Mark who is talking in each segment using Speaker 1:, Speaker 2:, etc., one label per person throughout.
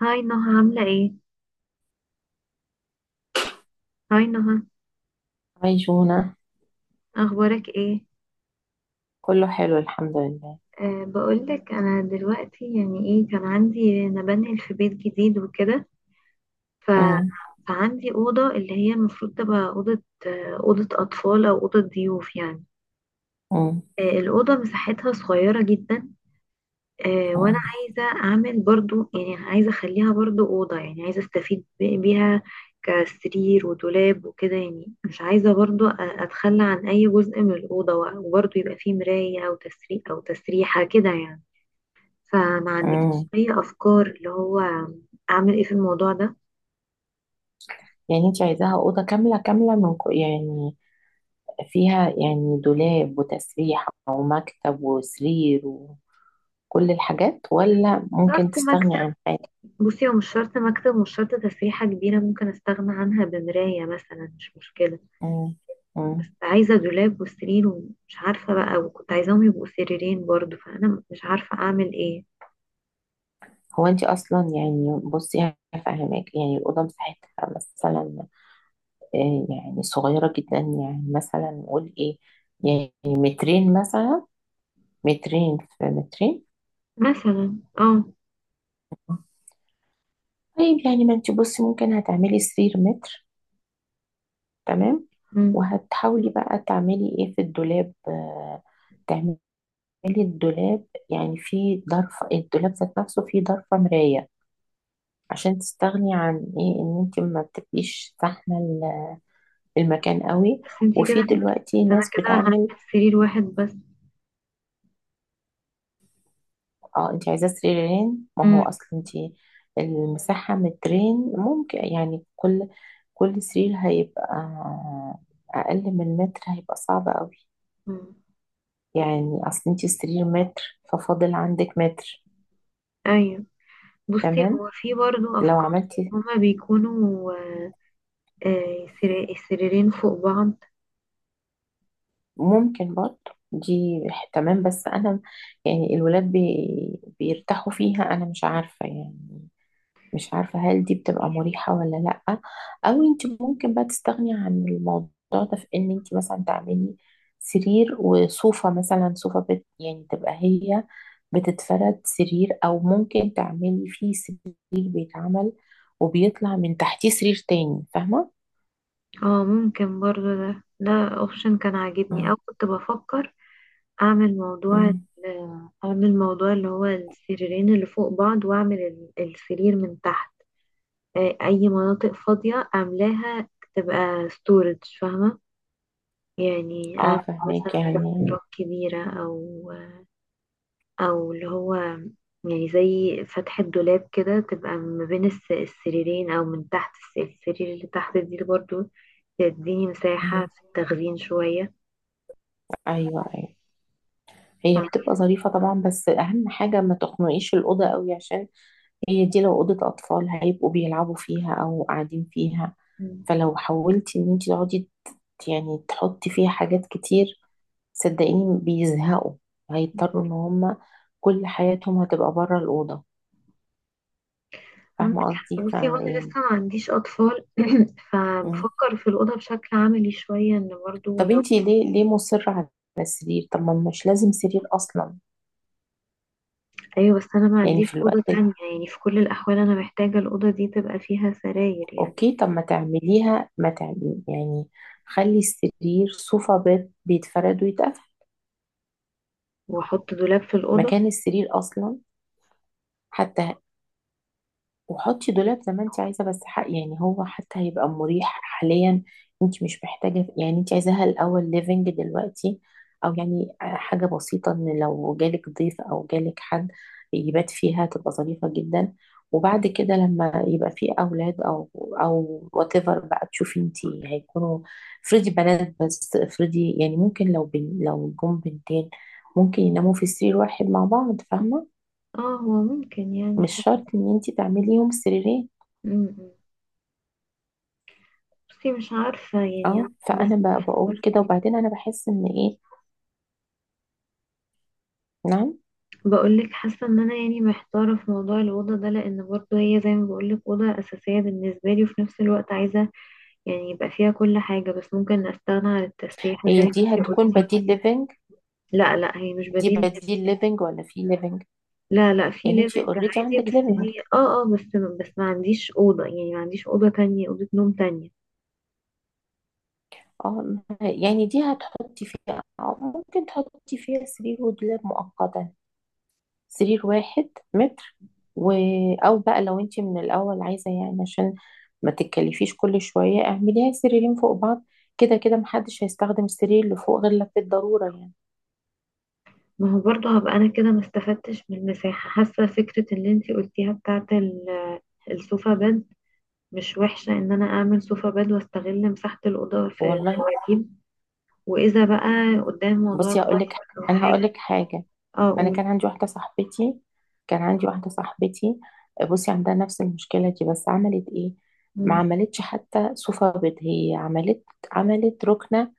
Speaker 1: هاي نهى، عاملة ايه؟ هاي نهى،
Speaker 2: عايشونة.
Speaker 1: اخبارك ايه؟
Speaker 2: كله حلو، الحمد لله.
Speaker 1: بقولك انا دلوقتي، يعني ايه، كان عندي انا بنقل في بيت جديد وكده. ف...
Speaker 2: مم.
Speaker 1: فعندي اوضة اللي هي المفروض تبقى اوضة، اوضة اطفال او اوضة ضيوف يعني.
Speaker 2: مم.
Speaker 1: الاوضة مساحتها صغيرة جدا، وانا
Speaker 2: مم.
Speaker 1: عايزه اعمل برضو، يعني عايزه اخليها برضو اوضه، يعني عايزه استفيد بيها كسرير ودولاب وكده يعني. مش عايزه برضو اتخلى عن اي جزء من الاوضه، وبرضو يبقى فيه مرايه او تسريحه كده يعني. فما عندكش
Speaker 2: مم.
Speaker 1: اي افكار اللي هو اعمل ايه في الموضوع ده؟
Speaker 2: يعني انت عايزاها أوضة كاملة كاملة من كو يعني، فيها يعني دولاب وتسريحة ومكتب وسرير وكل الحاجات، ولا ممكن
Speaker 1: شرط
Speaker 2: تستغني
Speaker 1: مكتب.
Speaker 2: عن حاجة؟
Speaker 1: بصي، هو مش شرط مكتب، مش شرط تسريحه كبيره، ممكن استغنى عنها بمرايه مثلا، مش مشكله.
Speaker 2: مم.
Speaker 1: بس
Speaker 2: مم.
Speaker 1: عايزة دولاب وسرير، ومش عارفة بقى، وكنت عايزاهم يبقوا سريرين برضو، فأنا مش عارفة أعمل إيه.
Speaker 2: هو انت اصلا يعني بصي هفهمك، يعني الأوضة مساحتها مثلا يعني صغيرة جدا، يعني مثلا نقول ايه؟ يعني مترين مثلا. مترين في مترين.
Speaker 1: مثلا اه.
Speaker 2: طيب يعني، ما انت بصي ممكن هتعملي سرير متر. تمام.
Speaker 1: مم.
Speaker 2: وهتحاولي بقى تعملي ايه في الدولاب. تعملي الدولاب، يعني في ضرفة الدولاب ذات نفسه فيه ضرفة مراية، عشان تستغني عن ايه، ان انت ما بتبقيش زحمة المكان قوي. وفي دلوقتي
Speaker 1: بس أنا
Speaker 2: ناس
Speaker 1: كده هعمل
Speaker 2: بتعمل.
Speaker 1: سرير واحد بس.
Speaker 2: اه انت عايزة سريرين، ما هو
Speaker 1: مم.
Speaker 2: اصل انت المساحة مترين، ممكن يعني كل سرير هيبقى اقل من متر، هيبقى صعب قوي.
Speaker 1: مم.
Speaker 2: يعني اصل انت السرير متر، ففاضل عندك متر.
Speaker 1: أيوه. بصي،
Speaker 2: تمام،
Speaker 1: هو في برضو
Speaker 2: لو
Speaker 1: أفكار،
Speaker 2: عملتي،
Speaker 1: هما بيكونوا سريرين فوق بعض.
Speaker 2: ممكن برضه دي. تمام بس انا يعني الولاد بيرتاحوا فيها، انا مش عارفة يعني. مش عارفة هل دي بتبقى مريحة ولا لأ. أو أنت ممكن بقى تستغني عن الموضوع ده في إن أنت مثلا تعملي سرير وصوفة، مثلا صوفة يعني تبقى هي بتتفرد سرير، أو ممكن تعملي فيه سرير بيتعمل وبيطلع من تحتيه سرير تاني. فاهمة؟
Speaker 1: اه، ممكن برضو. ده اوبشن كان عاجبني،
Speaker 2: اه.
Speaker 1: او كنت بفكر اعمل موضوع ال-
Speaker 2: أمم.
Speaker 1: اعمل موضوع اللي هو السريرين اللي فوق بعض، واعمل السرير من تحت. اي مناطق فاضية اعملها تبقى ستورج، فاهمة؟ يعني اعمل مثلا
Speaker 2: فاهماك
Speaker 1: زي
Speaker 2: يعني.
Speaker 1: تراب كبيرة، او او اللي هو يعني زي فتحة دولاب كده، تبقى ما بين السريرين، او من تحت السرير اللي تحت دي، برضو تديني
Speaker 2: أمم.
Speaker 1: مساحة في التخزين شوية.
Speaker 2: أيوه، أيوه.
Speaker 1: ف...
Speaker 2: هي بتبقى ظريفة طبعا، بس أهم حاجة ما تخنقيش الأوضة قوي، عشان هي دي لو أوضة أطفال هيبقوا بيلعبوا فيها أو قاعدين فيها، فلو حاولتي إن انتي تقعدي يعني تحطي فيها حاجات كتير، صدقيني بيزهقوا. هيضطروا إن هما كل حياتهم هتبقى بره الأوضة. فاهمة
Speaker 1: عندك
Speaker 2: قصدي،
Speaker 1: حق. بصي، هو انا لسه
Speaker 2: فيعني.
Speaker 1: ما عنديش اطفال،
Speaker 2: مم.
Speaker 1: فبفكر في الاوضه بشكل عملي شويه، ان برضو
Speaker 2: طب
Speaker 1: لو.
Speaker 2: انتي ليه مصرة على السرير؟ طب ما مش لازم سرير أصلا.
Speaker 1: ايوه. بس انا ما
Speaker 2: يعني
Speaker 1: عنديش
Speaker 2: في الوقت
Speaker 1: اوضه تانية، يعني في كل الاحوال انا محتاجه الاوضه دي تبقى فيها سراير يعني.
Speaker 2: أوكي، طب ما تعمليها، ما تعملي يعني خلي السرير صوفا بيت، بيتفرد ويتقفل
Speaker 1: واحط دولاب في الاوضه.
Speaker 2: مكان السرير أصلا حتى. وحطي دولاب زي ما انت عايزه، بس حق يعني هو حتى هيبقى مريح حاليا. انت مش محتاجه، يعني انت عايزاها الاول ليفنج دلوقتي، او يعني حاجه بسيطه ان لو جالك ضيف او جالك حد يبات فيها، تبقى ظريفه جدا. وبعد كده لما يبقى في اولاد او وات ايفر، بقى تشوفي انت. هيكونوا، افرضي بنات بس، افرضي يعني ممكن لو لو جم بنتين، ممكن يناموا في سرير واحد مع بعض، فاهمه؟
Speaker 1: اه، هو ممكن يعني
Speaker 2: مش
Speaker 1: فعلا.
Speaker 2: شرط ان انت تعمليهم سريرين.
Speaker 1: م- م. بصي، مش عارفه يعني.
Speaker 2: اه
Speaker 1: بس
Speaker 2: فانا بقول كده، وبعدين انا بحس ان ايه. نعم.
Speaker 1: بقول لك، حاسه ان انا يعني محتاره في موضوع الاوضه ده، لان برضو هي زي ما بقول لك، اوضه اساسيه بالنسبه لي، وفي نفس الوقت عايزه يعني يبقى فيها كل حاجة، بس ممكن استغنى عن التسريحة زي
Speaker 2: هي
Speaker 1: ما
Speaker 2: دي
Speaker 1: انتي
Speaker 2: هتكون
Speaker 1: قلتي.
Speaker 2: بديل ليفنج؟
Speaker 1: لا لا، هي مش
Speaker 2: دي
Speaker 1: بديل ليفينج.
Speaker 2: بديل ليفنج ولا في ليفنج؟
Speaker 1: لا لا، في
Speaker 2: يعني انت
Speaker 1: ليفنج
Speaker 2: اوريدي
Speaker 1: عادي.
Speaker 2: عندك
Speaker 1: بس
Speaker 2: ليفنج.
Speaker 1: هي بس ما عنديش أوضة، يعني ما عنديش أوضة تانية، أوضة نوم تانية.
Speaker 2: اه يعني دي هتحطي فيها، أو ممكن تحطي فيها سرير ودولاب مؤقتا، سرير واحد متر و... او بقى لو انت من الاول عايزه يعني عشان ما تتكلفيش كل شويه، اعمليها سريرين فوق بعض. كده كده محدش هيستخدم السرير اللي فوق غير لو في الضروره يعني.
Speaker 1: ما هو برضه هبقى انا كده ما استفدتش من المساحة. حاسة فكرة اللي انتي قلتيها بتاعت السوفا بed مش وحشة، ان انا اعمل سوفا بed واستغل مساحة الأوضة في
Speaker 2: والله.
Speaker 1: الدواجيب، واذا بقى قدام موضوع
Speaker 2: بصي هقول
Speaker 1: الغرفة
Speaker 2: لك،
Speaker 1: او
Speaker 2: انا
Speaker 1: حاجة.
Speaker 2: هقول لك حاجه.
Speaker 1: اه،
Speaker 2: انا
Speaker 1: اقول.
Speaker 2: كان عندي واحده صاحبتي كان عندي واحده صاحبتي، بصي عندها نفس المشكله دي، بس عملت ايه؟ ما
Speaker 1: امم.
Speaker 2: عملتش حتى صوفة بيض، هي عملت ركنه،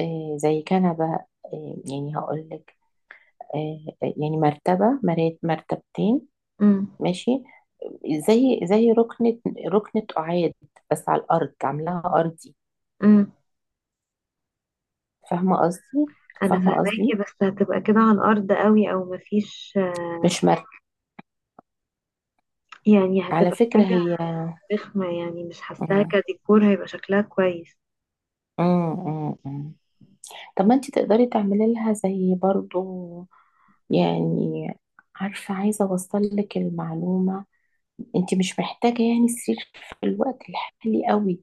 Speaker 2: زي كنبه. يعني هقول لك، يعني مرتبه، مرتبتين. ماشي، زي ركنه، ركنه قعاد، بس على الارض عاملاها ارضي.
Speaker 1: امم.
Speaker 2: فاهمه قصدي؟
Speaker 1: انا
Speaker 2: فاهمه
Speaker 1: فاهماكي،
Speaker 2: قصدي،
Speaker 1: بس هتبقى كده على الارض قوي، او مفيش.
Speaker 2: مش مرتب.
Speaker 1: يعني
Speaker 2: على
Speaker 1: هتبقى
Speaker 2: فكره
Speaker 1: حاجه
Speaker 2: هي.
Speaker 1: رخمه، يعني مش حاساها
Speaker 2: مم.
Speaker 1: كديكور هيبقى شكلها كويس.
Speaker 2: مم. مم. طب ما انت تقدري تعملي لها زي برضو يعني. عارفة، عايزة اوصل لك المعلومة، انت مش محتاجة يعني سرير في الوقت الحالي قوي.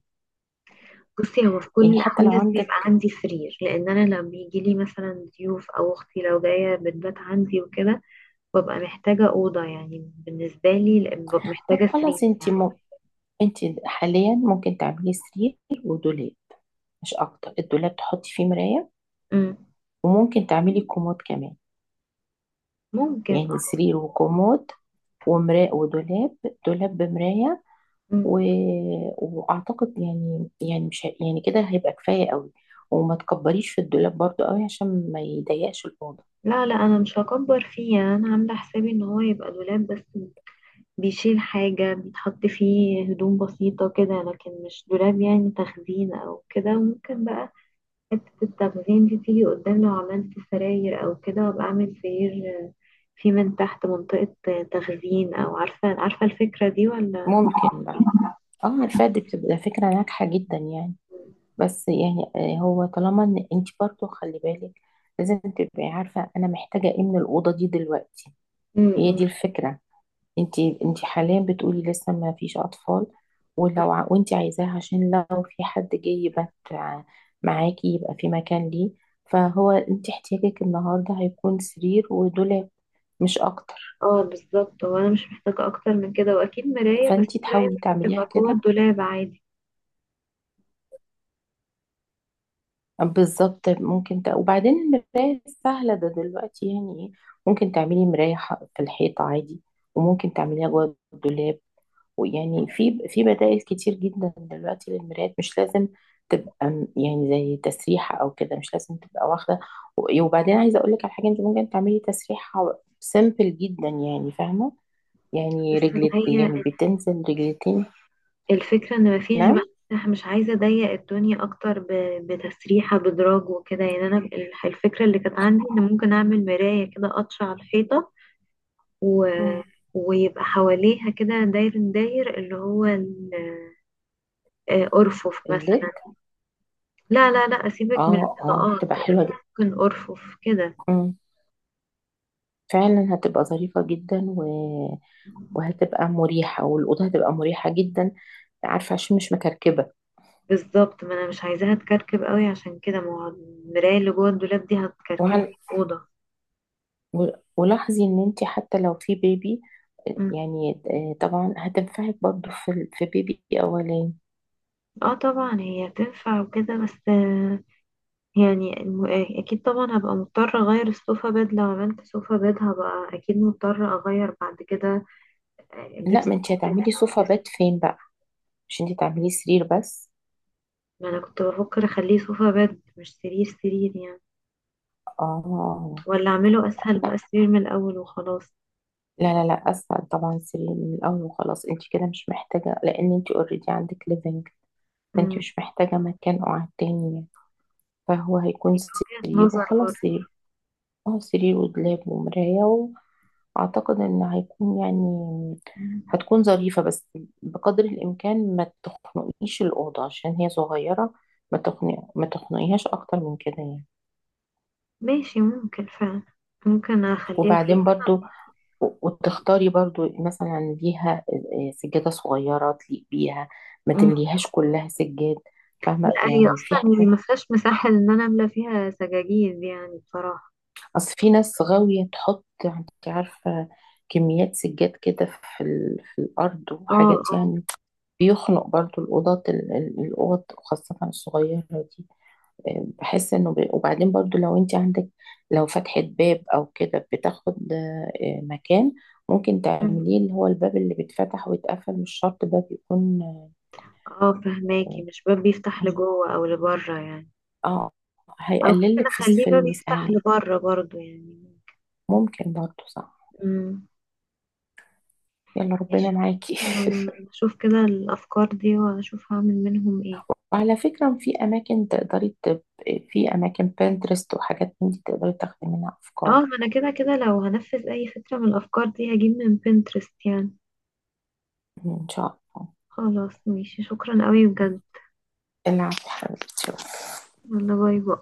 Speaker 1: بصي، هو في كل
Speaker 2: يعني حتى
Speaker 1: الاحوال
Speaker 2: لو
Speaker 1: لازم يبقى
Speaker 2: عندك.
Speaker 1: عندي سرير، لان انا لما بيجي لي مثلا ضيوف او اختي لو جايه بتبات عندي وكده، ببقى محتاجه اوضه يعني بالنسبه لي، لأن ببقى
Speaker 2: طب
Speaker 1: محتاجه
Speaker 2: خلاص
Speaker 1: سرير
Speaker 2: انت
Speaker 1: يعني.
Speaker 2: انت حاليا ممكن تعملي سرير ودولاب مش اكتر، الدولاب تحطي فيه مراية،
Speaker 1: مم.
Speaker 2: وممكن تعملي كومود كمان.
Speaker 1: ممكن اه.
Speaker 2: يعني سرير وكومود ومراية ودولاب، دولاب بمراية.
Speaker 1: مم.
Speaker 2: و... واعتقد يعني، مش يعني كده هيبقى كفايه قوي. وما تكبريش في الدولاب برضو قوي، عشان ما يضيقش الاوضه.
Speaker 1: لا لا، انا مش هكبر فيه، يعني انا عامله حسابي ان هو يبقى دولاب بس بيشيل حاجة، بيتحط فيه هدوم بسيطة كده، لكن مش دولاب يعني تخزين أو كده. ممكن بقى حتة التخزين دي تيجي قدام، لو عملت سراير أو كده، وأبقى أعمل سرير في من تحت منطقة تخزين، أو عارفة عارفة الفكرة دي ولا؟
Speaker 2: ممكن بقى. اه عارفه دي بتبقى فكره ناجحه جدا يعني، بس يعني هو طالما ان انت برضو خلي بالك، لازم تبقي عارفه انا محتاجه ايه من الاوضه دي دلوقتي.
Speaker 1: م-
Speaker 2: هي
Speaker 1: م.
Speaker 2: دي الفكره. انتي حاليا بتقولي لسه ما فيش اطفال، وانتي عايزاه عشان لو في حد جاي يبات معاكي، يبقى في مكان ليه. فهو انتي احتياجك النهارده هيكون سرير ودولاب، مش اكتر.
Speaker 1: اه، بالظبط، هو أنا مش محتاجة أكتر من كده، وأكيد مراية، بس
Speaker 2: فانتي
Speaker 1: مراية
Speaker 2: تحاولي
Speaker 1: ممكن
Speaker 2: تعمليها
Speaker 1: تبقى جوه
Speaker 2: كده.
Speaker 1: الدولاب عادي.
Speaker 2: بالظبط. وبعدين المراية سهلة ده دلوقتي، يعني ايه، ممكن تعملي مراية في الحيطة عادي، وممكن تعمليها جوه الدولاب. ويعني في بدائل كتير جدا دلوقتي للمرايات، مش لازم تبقى يعني زي تسريحة أو كده، مش لازم تبقى واخدة. وبعدين عايزة أقول لك على حاجة، أنت ممكن تعملي تسريحة سيمبل جدا، يعني فاهمة،
Speaker 1: بس
Speaker 2: يعني
Speaker 1: هي
Speaker 2: يعني بتنزل رجلتين.
Speaker 1: الفكرة ان مفيش بقى،
Speaker 2: نعم.
Speaker 1: انا مش عايزة اضيق الدنيا اكتر بتسريحة بدراج وكده، يعني انا الفكرة اللي كانت عندي ان ممكن اعمل مراية كده قطشة على الحيطة، و...
Speaker 2: مم.
Speaker 1: ويبقى حواليها كده داير داير اللي هو ارفف مثلا.
Speaker 2: الليك.
Speaker 1: لا لا لا، اسيبك من
Speaker 2: اه، اه،
Speaker 1: القطاعات.
Speaker 2: تبقى حلوة جدا.
Speaker 1: ممكن ارفف كده.
Speaker 2: مم. فعلا هتبقى ظريفة جدا وهتبقى مريحة، والأوضة هتبقى مريحة جدا، عارفة، عشان مش مكركبة.
Speaker 1: بالظبط، ما انا مش عايزاها تكركب قوي عشان كده، ما هو المراية اللي جوه الدولاب دي هتكركب
Speaker 2: وعلى
Speaker 1: الأوضة.
Speaker 2: و- ولاحظي ان انت حتى لو في بيبي،
Speaker 1: مم.
Speaker 2: يعني طبعا هتنفعك برضو في في بيبي اولاني.
Speaker 1: اه طبعا، هي تنفع وكده، بس يعني اكيد طبعا هبقى مضطرة اغير السوفا بيد، لو عملت سوفا بيد هبقى اكيد مضطرة اغير بعد كده، اجيب
Speaker 2: لا ما انت
Speaker 1: سرير،
Speaker 2: هتعملي صوفة
Speaker 1: أغيره.
Speaker 2: بات فين بقى؟ مش انت تعملي سرير بس.
Speaker 1: ما انا كنت بفكر اخليه سوفا بيد مش سرير سرير يعني،
Speaker 2: اه.
Speaker 1: ولا اعمله اسهل بقى سرير من الاول وخلاص.
Speaker 2: لا، لا، لا، اسهل طبعا سرير من الاول وخلاص. انت كده مش محتاجة، لان انت اوريدي عندك ليفنج، فانت
Speaker 1: امم.
Speaker 2: مش محتاجة مكان قعد تاني يعني. فهو هيكون
Speaker 1: دي وجهة
Speaker 2: سرير
Speaker 1: نظر
Speaker 2: وخلاص،
Speaker 1: برضه.
Speaker 2: سرير. اه سرير ودولاب ومراية، أعتقد إن هيكون يعني
Speaker 1: أمم.
Speaker 2: هتكون ظريفة، بس بقدر الإمكان ما تخنقيش الأوضة، عشان هي صغيرة. ما تخنقيهاش أكتر من كده يعني.
Speaker 1: ماشي، ممكن فعلا، ممكن اخليها
Speaker 2: وبعدين
Speaker 1: كده.
Speaker 2: برضو، وتختاري برضو مثلا ليها سجادة صغيرة تليق بيها، ما
Speaker 1: أمم.
Speaker 2: تمليهاش كلها سجاد. فاهمة
Speaker 1: لا، هي
Speaker 2: يعني، في
Speaker 1: اصلا هي
Speaker 2: حاجات،
Speaker 1: ما فيهاش مساحة ان انا املى فيها سجاجيد يعني بصراحة.
Speaker 2: أصل في ناس غاوية تحط، أنت عارفة، كميات سجاد كده في الأرض وحاجات
Speaker 1: اه.
Speaker 2: يعني، بيخنق برضو الأوضة الأوض خاصة الصغيرة دي. بحس إنه وبعدين برضو لو أنت عندك، لو فتحة باب أو كده بتاخد مكان، ممكن
Speaker 1: آه.
Speaker 2: تعمليه اللي هو الباب اللي بيتفتح ويتقفل، مش شرط باب يكون.
Speaker 1: اه، فهماكي، مش باب بيفتح لجوه او لبره يعني.
Speaker 2: اه.
Speaker 1: او ممكن
Speaker 2: هيقللك في
Speaker 1: اخليه باب يفتح لبره برضو يعني.
Speaker 2: ممكن برضو، صح.
Speaker 1: امم.
Speaker 2: يلا ربنا
Speaker 1: ماشي، خلاص،
Speaker 2: معاكي.
Speaker 1: انا اشوف كده الافكار دي واشوف هعمل منهم ايه.
Speaker 2: وعلى فكرة في في أماكن بنترست وحاجات من دي، تقدري تاخدي منها
Speaker 1: اه،
Speaker 2: أفكار.
Speaker 1: ما انا كده كده لو هنفذ اي فكرة من الافكار دي هجيب من بنترست يعني.
Speaker 2: إن شاء الله.
Speaker 1: خلاص، ماشي، شكرا قوي بجد.
Speaker 2: العفو حبيبتي.
Speaker 1: يلا، باي باي.